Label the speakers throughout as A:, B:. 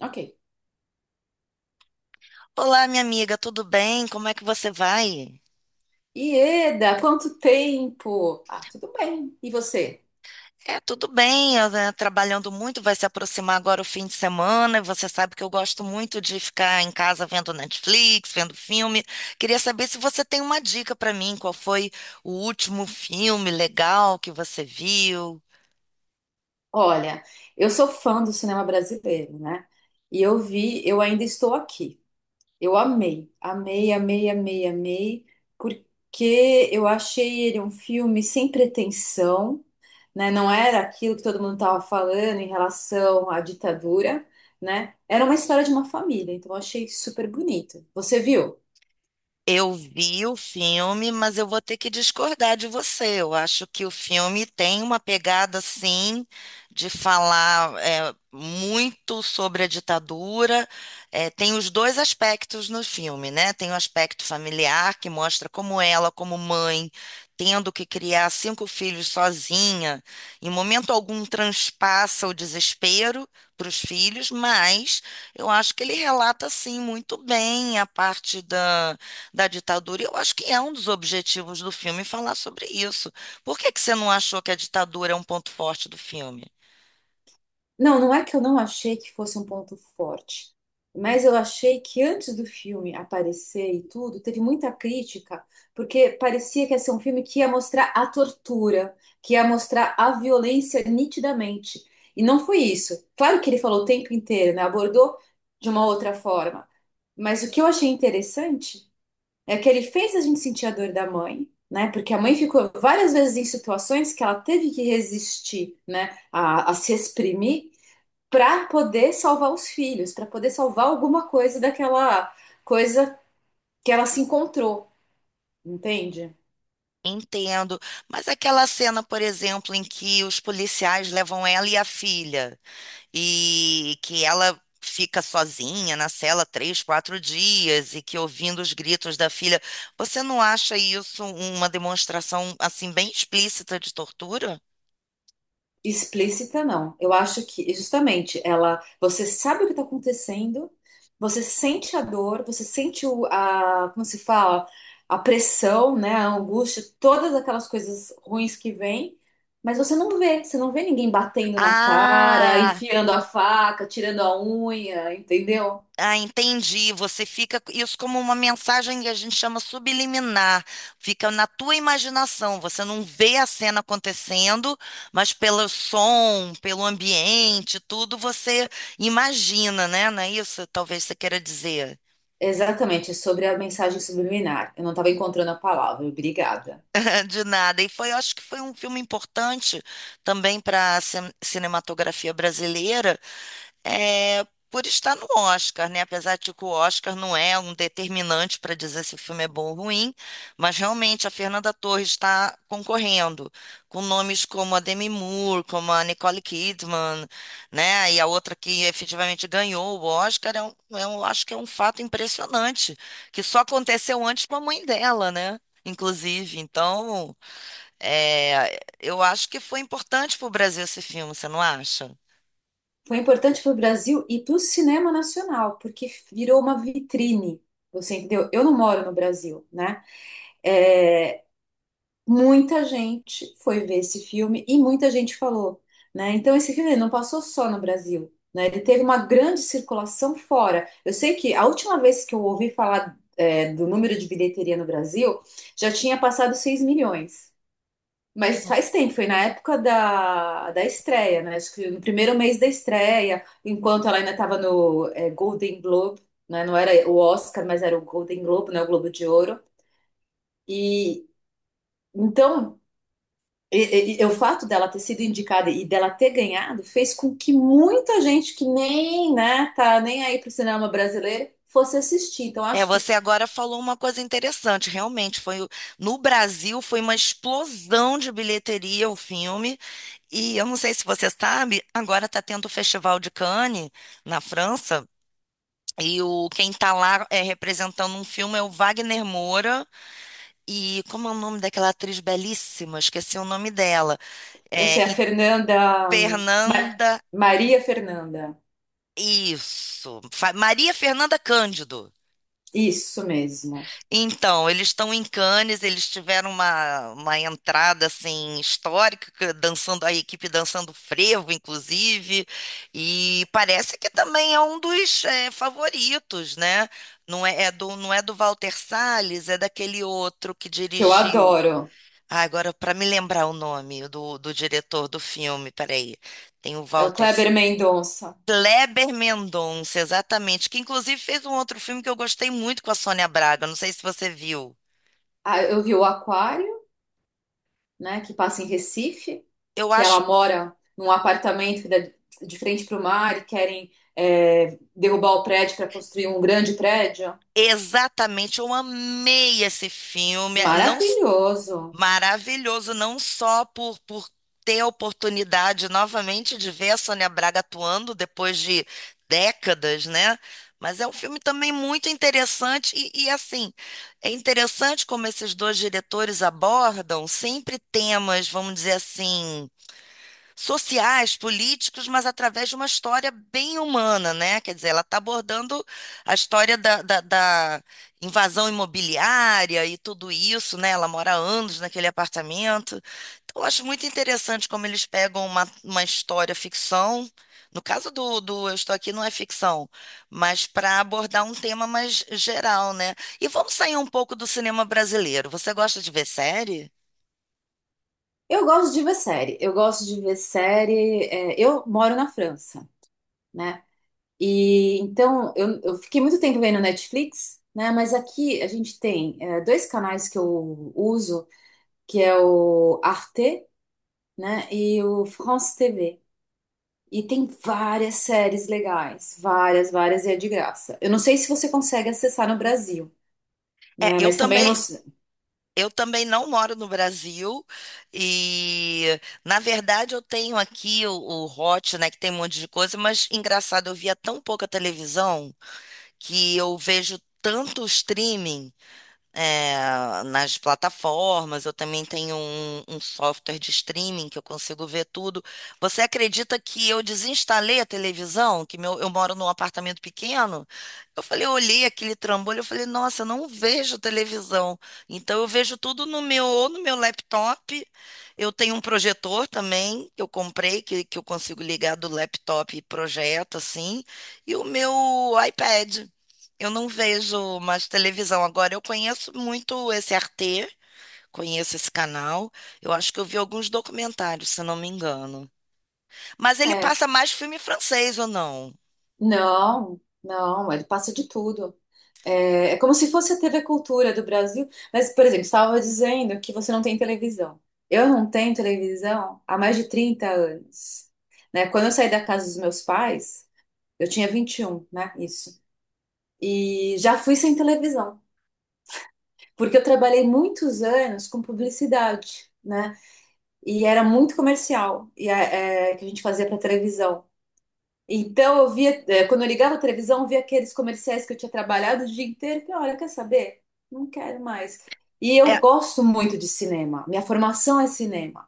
A: Ok.
B: Olá, minha amiga, tudo bem? Como é que você vai?
A: Ieda, quanto tempo? Ah, tudo bem. E você?
B: É, tudo bem, eu, né, trabalhando muito, vai se aproximar agora o fim de semana, e você sabe que eu gosto muito de ficar em casa vendo Netflix, vendo filme. Queria saber se você tem uma dica para mim, qual foi o último filme legal que você viu?
A: Olha, eu sou fã do cinema brasileiro, né? E eu vi, eu ainda estou aqui. Eu amei, amei, amei, amei, amei, porque eu achei ele um filme sem pretensão, né? Não era aquilo que todo mundo estava falando em relação à ditadura, né? Era uma história de uma família, então eu achei super bonito. Você viu?
B: Eu vi o filme, mas eu vou ter que discordar de você. Eu acho que o filme tem uma pegada, sim, de falar muito sobre a ditadura. É, tem os dois aspectos no filme, né? Tem o aspecto familiar, que mostra como ela, como mãe, tendo que criar cinco filhos sozinha, em momento algum transpassa o desespero para os filhos, mas eu acho que ele relata, sim, muito bem a parte da ditadura. E eu acho que é um dos objetivos do filme falar sobre isso. Por que que você não achou que a ditadura é um ponto forte do filme?
A: Não, não é que eu não achei que fosse um ponto forte, mas eu achei que antes do filme aparecer e tudo, teve muita crítica, porque parecia que ia ser um filme que ia mostrar a tortura, que ia mostrar a violência nitidamente. E não foi isso. Claro que ele falou o tempo inteiro, né? Abordou de uma outra forma. Mas o que eu achei interessante é que ele fez a gente sentir a dor da mãe, né? Porque a mãe ficou várias vezes em situações que ela teve que resistir, né? A se exprimir para poder salvar os filhos, para poder salvar alguma coisa daquela coisa que ela se encontrou, entende?
B: Entendo, mas aquela cena, por exemplo, em que os policiais levam ela e a filha, e que ela fica sozinha na cela 3, 4 dias, e que ouvindo os gritos da filha, você não acha isso uma demonstração assim bem explícita de tortura?
A: Explícita não. Eu acho que justamente ela, você sabe o que está acontecendo, você sente a dor, você sente como se fala, a pressão, né, a angústia, todas aquelas coisas ruins que vêm, mas você não vê ninguém batendo na cara,
B: Ah,
A: enfiando a faca, tirando a unha, entendeu?
B: Ah, entendi. Você fica isso como uma mensagem que a gente chama subliminar. Fica na tua imaginação. Você não vê a cena acontecendo, mas pelo som, pelo ambiente, tudo você imagina, né? Não é isso? Talvez você queira dizer.
A: Exatamente, é sobre a mensagem subliminar. Eu não estava encontrando a palavra, obrigada.
B: De nada. E foi, eu acho que foi um filme importante também para a cinematografia brasileira é, por estar no Oscar, né? Apesar de que o Oscar não é um determinante para dizer se o filme é bom ou ruim, mas realmente a Fernanda Torres está concorrendo com nomes como a Demi Moore, como a Nicole Kidman, né? E a outra que efetivamente ganhou o Oscar, acho que é um fato impressionante, que só aconteceu antes com a mãe dela, né? Inclusive, então, eu acho que foi importante para o Brasil esse filme, você não acha?
A: Foi importante para o Brasil e para o cinema nacional, porque virou uma vitrine. Você entendeu? Eu não moro no Brasil, né? É, muita gente foi ver esse filme e muita gente falou, né? Então esse filme não passou só no Brasil, né? Ele teve uma grande circulação fora. Eu sei que a última vez que eu ouvi falar, é, do número de bilheteria no Brasil, já tinha passado 6 milhões. Mas faz tempo, foi na época da estreia, né? Acho que no primeiro mês da estreia, enquanto ela ainda estava no Golden Globe, né? Não era o Oscar, mas era o Golden Globe, né? O Globo de Ouro. E então, e o fato dela ter sido indicada e dela ter ganhado fez com que muita gente que nem, né, tá nem aí pro cinema brasileiro fosse assistir. Então,
B: É,
A: acho que,
B: você agora falou uma coisa interessante. Realmente, no Brasil foi uma explosão de bilheteria o filme. E eu não sei se você sabe, agora está tendo o Festival de Cannes na França. E o quem está lá representando um filme é o Wagner Moura. E como é o nome daquela atriz belíssima? Esqueci o nome dela.
A: eu
B: É,
A: sei, a
B: e
A: Fernanda,
B: Fernanda.
A: Maria Fernanda,
B: Isso. Maria Fernanda Cândido.
A: isso mesmo,
B: Então, eles estão em Cannes, eles tiveram uma, entrada assim histórica, dançando a equipe dançando frevo, inclusive, e parece que também é um dos favoritos, né? Não é do Walter Salles, é daquele outro que
A: que eu
B: dirigiu.
A: adoro.
B: Ah, agora para me lembrar o nome do diretor do filme, peraí, tem o
A: É o
B: Walter
A: Kleber Mendonça.
B: Kleber Mendonça, exatamente, que inclusive fez um outro filme que eu gostei muito com a Sônia Braga, não sei se você viu.
A: Ah, eu vi o Aquário, né, que passa em Recife,
B: Eu
A: que
B: acho
A: ela mora num apartamento que dá de frente para o mar e querem derrubar o prédio para construir um grande prédio.
B: exatamente, eu amei esse filme,
A: Maravilhoso.
B: maravilhoso, não só por, ter a oportunidade novamente de ver a Sônia Braga atuando depois de décadas, né? Mas é um filme também muito interessante e assim, é interessante como esses dois diretores abordam sempre temas, vamos dizer assim, sociais, políticos, mas através de uma história bem humana, né? Quer dizer, ela está abordando a história da invasão imobiliária e tudo isso, né? Ela mora há anos naquele apartamento. Então, eu acho muito interessante como eles pegam uma, história ficção. No caso do Eu Estou Aqui não é ficção, mas para abordar um tema mais geral, né? E vamos sair um pouco do cinema brasileiro. Você gosta de ver série?
A: Eu gosto de ver série. Eu gosto de ver série. Eu moro na França, né? E então eu fiquei muito tempo vendo Netflix, né? Mas aqui a gente tem é, dois canais que eu uso, que é o Arte né? E o France TV. E tem várias séries legais, várias, várias, e é de graça. Eu não sei se você consegue acessar no Brasil,
B: É,
A: né?
B: eu
A: Mas também eu
B: também,
A: não sei.
B: Eu também não moro no Brasil e, na verdade, eu tenho aqui o, Hot, né, que tem um monte de coisa, mas engraçado, eu via tão pouca televisão que eu vejo tanto streaming nas plataformas, eu também tenho um software de streaming que eu consigo ver tudo. Você acredita que eu desinstalei a televisão? Que meu, eu moro num apartamento pequeno? Eu falei, eu olhei aquele trambolho, eu falei, nossa, eu não vejo televisão. Então eu vejo tudo no meu, ou no meu laptop. Eu tenho um projetor também que eu comprei, que eu consigo ligar do laptop e projeto assim, e o meu iPad. Eu não vejo mais televisão agora. Eu conheço muito esse RT, conheço esse canal. Eu acho que eu vi alguns documentários, se não me engano. Mas ele
A: É,
B: passa mais filme francês ou não?
A: não, não, ele passa de tudo. É, é como se fosse a TV Cultura do Brasil. Mas, por exemplo, estava dizendo que você não tem televisão. Eu não tenho televisão há mais de 30 anos, né? Quando eu saí da casa dos meus pais, eu tinha 21 né? Isso. E já fui sem televisão. Porque eu trabalhei muitos anos com publicidade, né? E era muito comercial, que a gente fazia para televisão. Então eu via, é, quando eu ligava a televisão, eu via aqueles comerciais que eu tinha trabalhado o dia inteiro. E olha, quer saber? Não quero mais. E eu
B: É,
A: gosto muito de cinema. Minha formação é cinema.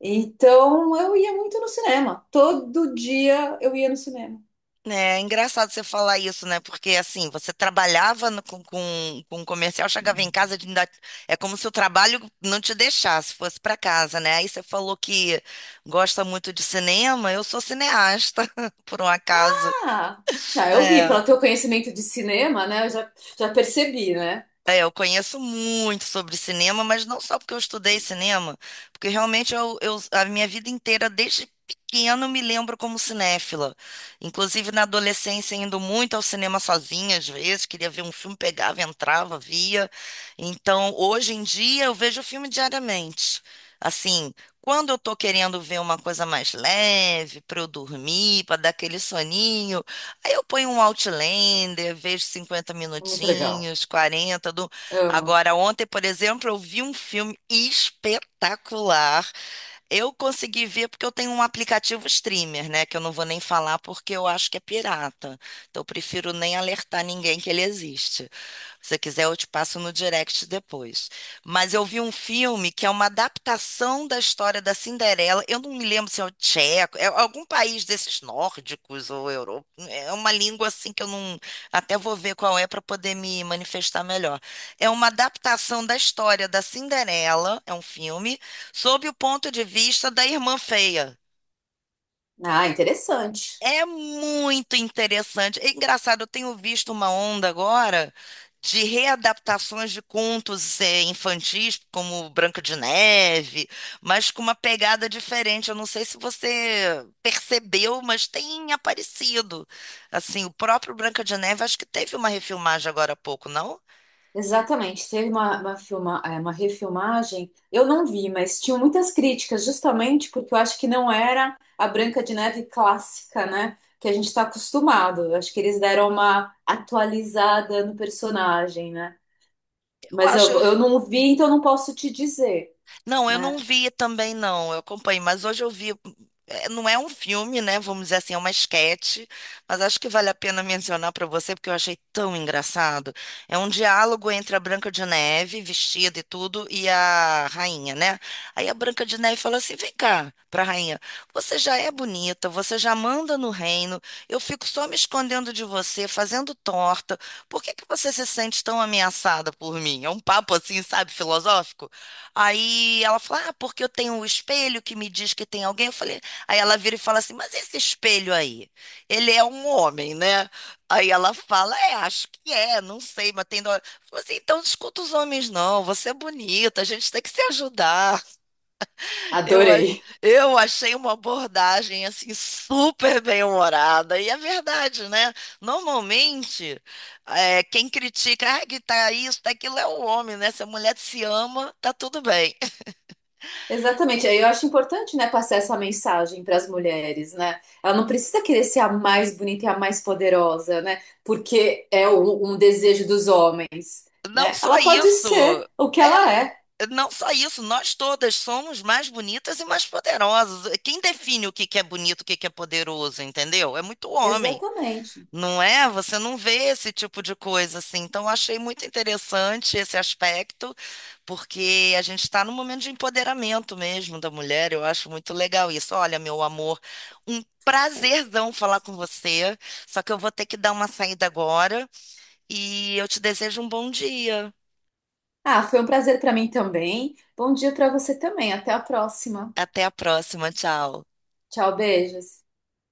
A: Então eu ia muito no cinema. Todo dia eu ia no cinema.
B: né, é engraçado você falar isso, né? Porque assim, você trabalhava com um comercial, chegava em casa, é como se o trabalho não te deixasse, fosse para casa, né? Aí você falou que gosta muito de cinema. Eu sou cineasta, por um acaso.
A: Ah, não, eu vi,
B: É.
A: pelo teu conhecimento de cinema, né? Eu já percebi, né?
B: É, eu conheço muito sobre cinema, mas não só porque eu estudei cinema, porque realmente a minha vida inteira, desde pequena, eu me lembro como cinéfila. Inclusive na adolescência, indo muito ao cinema sozinha, às vezes, queria ver um filme, pegava, entrava, via. Então, hoje em dia, eu vejo filme diariamente. Assim, quando eu tô querendo ver uma coisa mais leve, para eu dormir, para dar aquele soninho. Aí eu ponho um Outlander, vejo cinquenta
A: Muito legal.
B: minutinhos, 40 do...
A: Amo.
B: Agora, ontem, por exemplo, eu vi um filme espetacular eu consegui ver porque eu tenho um aplicativo streamer, né? Que eu não vou nem falar porque eu acho que é pirata. Então eu prefiro nem alertar ninguém que ele existe. Se você quiser, eu te passo no direct depois. Mas eu vi um filme que é uma adaptação da história da Cinderela. Eu não me lembro se é o tcheco, é algum país desses nórdicos ou Europa. É uma língua assim que eu não. Até vou ver qual é para poder me manifestar melhor. É uma adaptação da história da Cinderela, é um filme sob o ponto de vista da irmã feia.
A: Ah, interessante.
B: É muito interessante. É engraçado, eu tenho visto uma onda agora de readaptações de contos infantis, como Branca de Neve, mas com uma pegada diferente. Eu não sei se você percebeu, mas tem aparecido. Assim, o próprio Branca de Neve, acho que teve uma refilmagem agora há pouco, não?
A: Exatamente. Teve uma refilmagem, eu não vi, mas tinham muitas críticas, justamente porque eu acho que não era a Branca de Neve clássica, né? Que a gente está acostumado. Eu acho que eles deram uma atualizada no personagem, né?
B: Eu
A: Mas eu,
B: acho,
A: eu não vi, então não posso te dizer,
B: Não, eu não
A: né?
B: vi também, não. Eu acompanhei, mas hoje eu vi. Não é um filme, né? Vamos dizer assim, é uma esquete, mas acho que vale a pena mencionar para você, porque eu achei tão engraçado. É um diálogo entre a Branca de Neve, vestida e tudo, e a rainha, né? Aí a Branca de Neve fala assim: vem cá, para a rainha, você já é bonita, você já manda no reino, eu fico só me escondendo de você, fazendo torta, por que que você se sente tão ameaçada por mim? É um papo assim, sabe, filosófico? Aí ela fala, ah, porque eu tenho um espelho que me diz que tem alguém. Eu falei, aí ela vira e fala assim, mas esse espelho aí, ele é um homem, né? Aí ela fala, é, acho que é, não sei, mas tem. Dó." Eu falei assim, então não escuta os homens, não. Você é bonita, a gente tem que se ajudar. Eu, a-
A: Adorei.
B: eu achei uma abordagem assim super bem-humorada. E é verdade, né? Normalmente, quem critica, ah, que tá isso, tá aquilo é o homem, né? Se a mulher se ama, tá tudo bem.
A: Exatamente. Aí eu acho importante, né, passar essa mensagem para as mulheres, né? Ela não precisa querer ser a mais bonita e a mais poderosa, né? Porque um desejo dos homens,
B: Não
A: né?
B: só
A: Ela pode
B: isso.
A: ser o que ela
B: É,
A: é.
B: não só isso, nós todas somos mais bonitas e mais poderosas. Quem define o que que é bonito, o que que é poderoso, entendeu? É muito homem,
A: Exatamente.
B: não é? Você não vê esse tipo de coisa assim. Então, eu achei muito interessante esse aspecto, porque a gente está num momento de empoderamento mesmo da mulher. Eu acho muito legal isso. Olha, meu amor, um prazerzão falar com você. Só que eu vou ter que dar uma saída agora e eu te desejo um bom dia.
A: Ah, foi um prazer para mim também. Bom dia para você também. Até a próxima.
B: Até a próxima, tchau.
A: Tchau, beijos.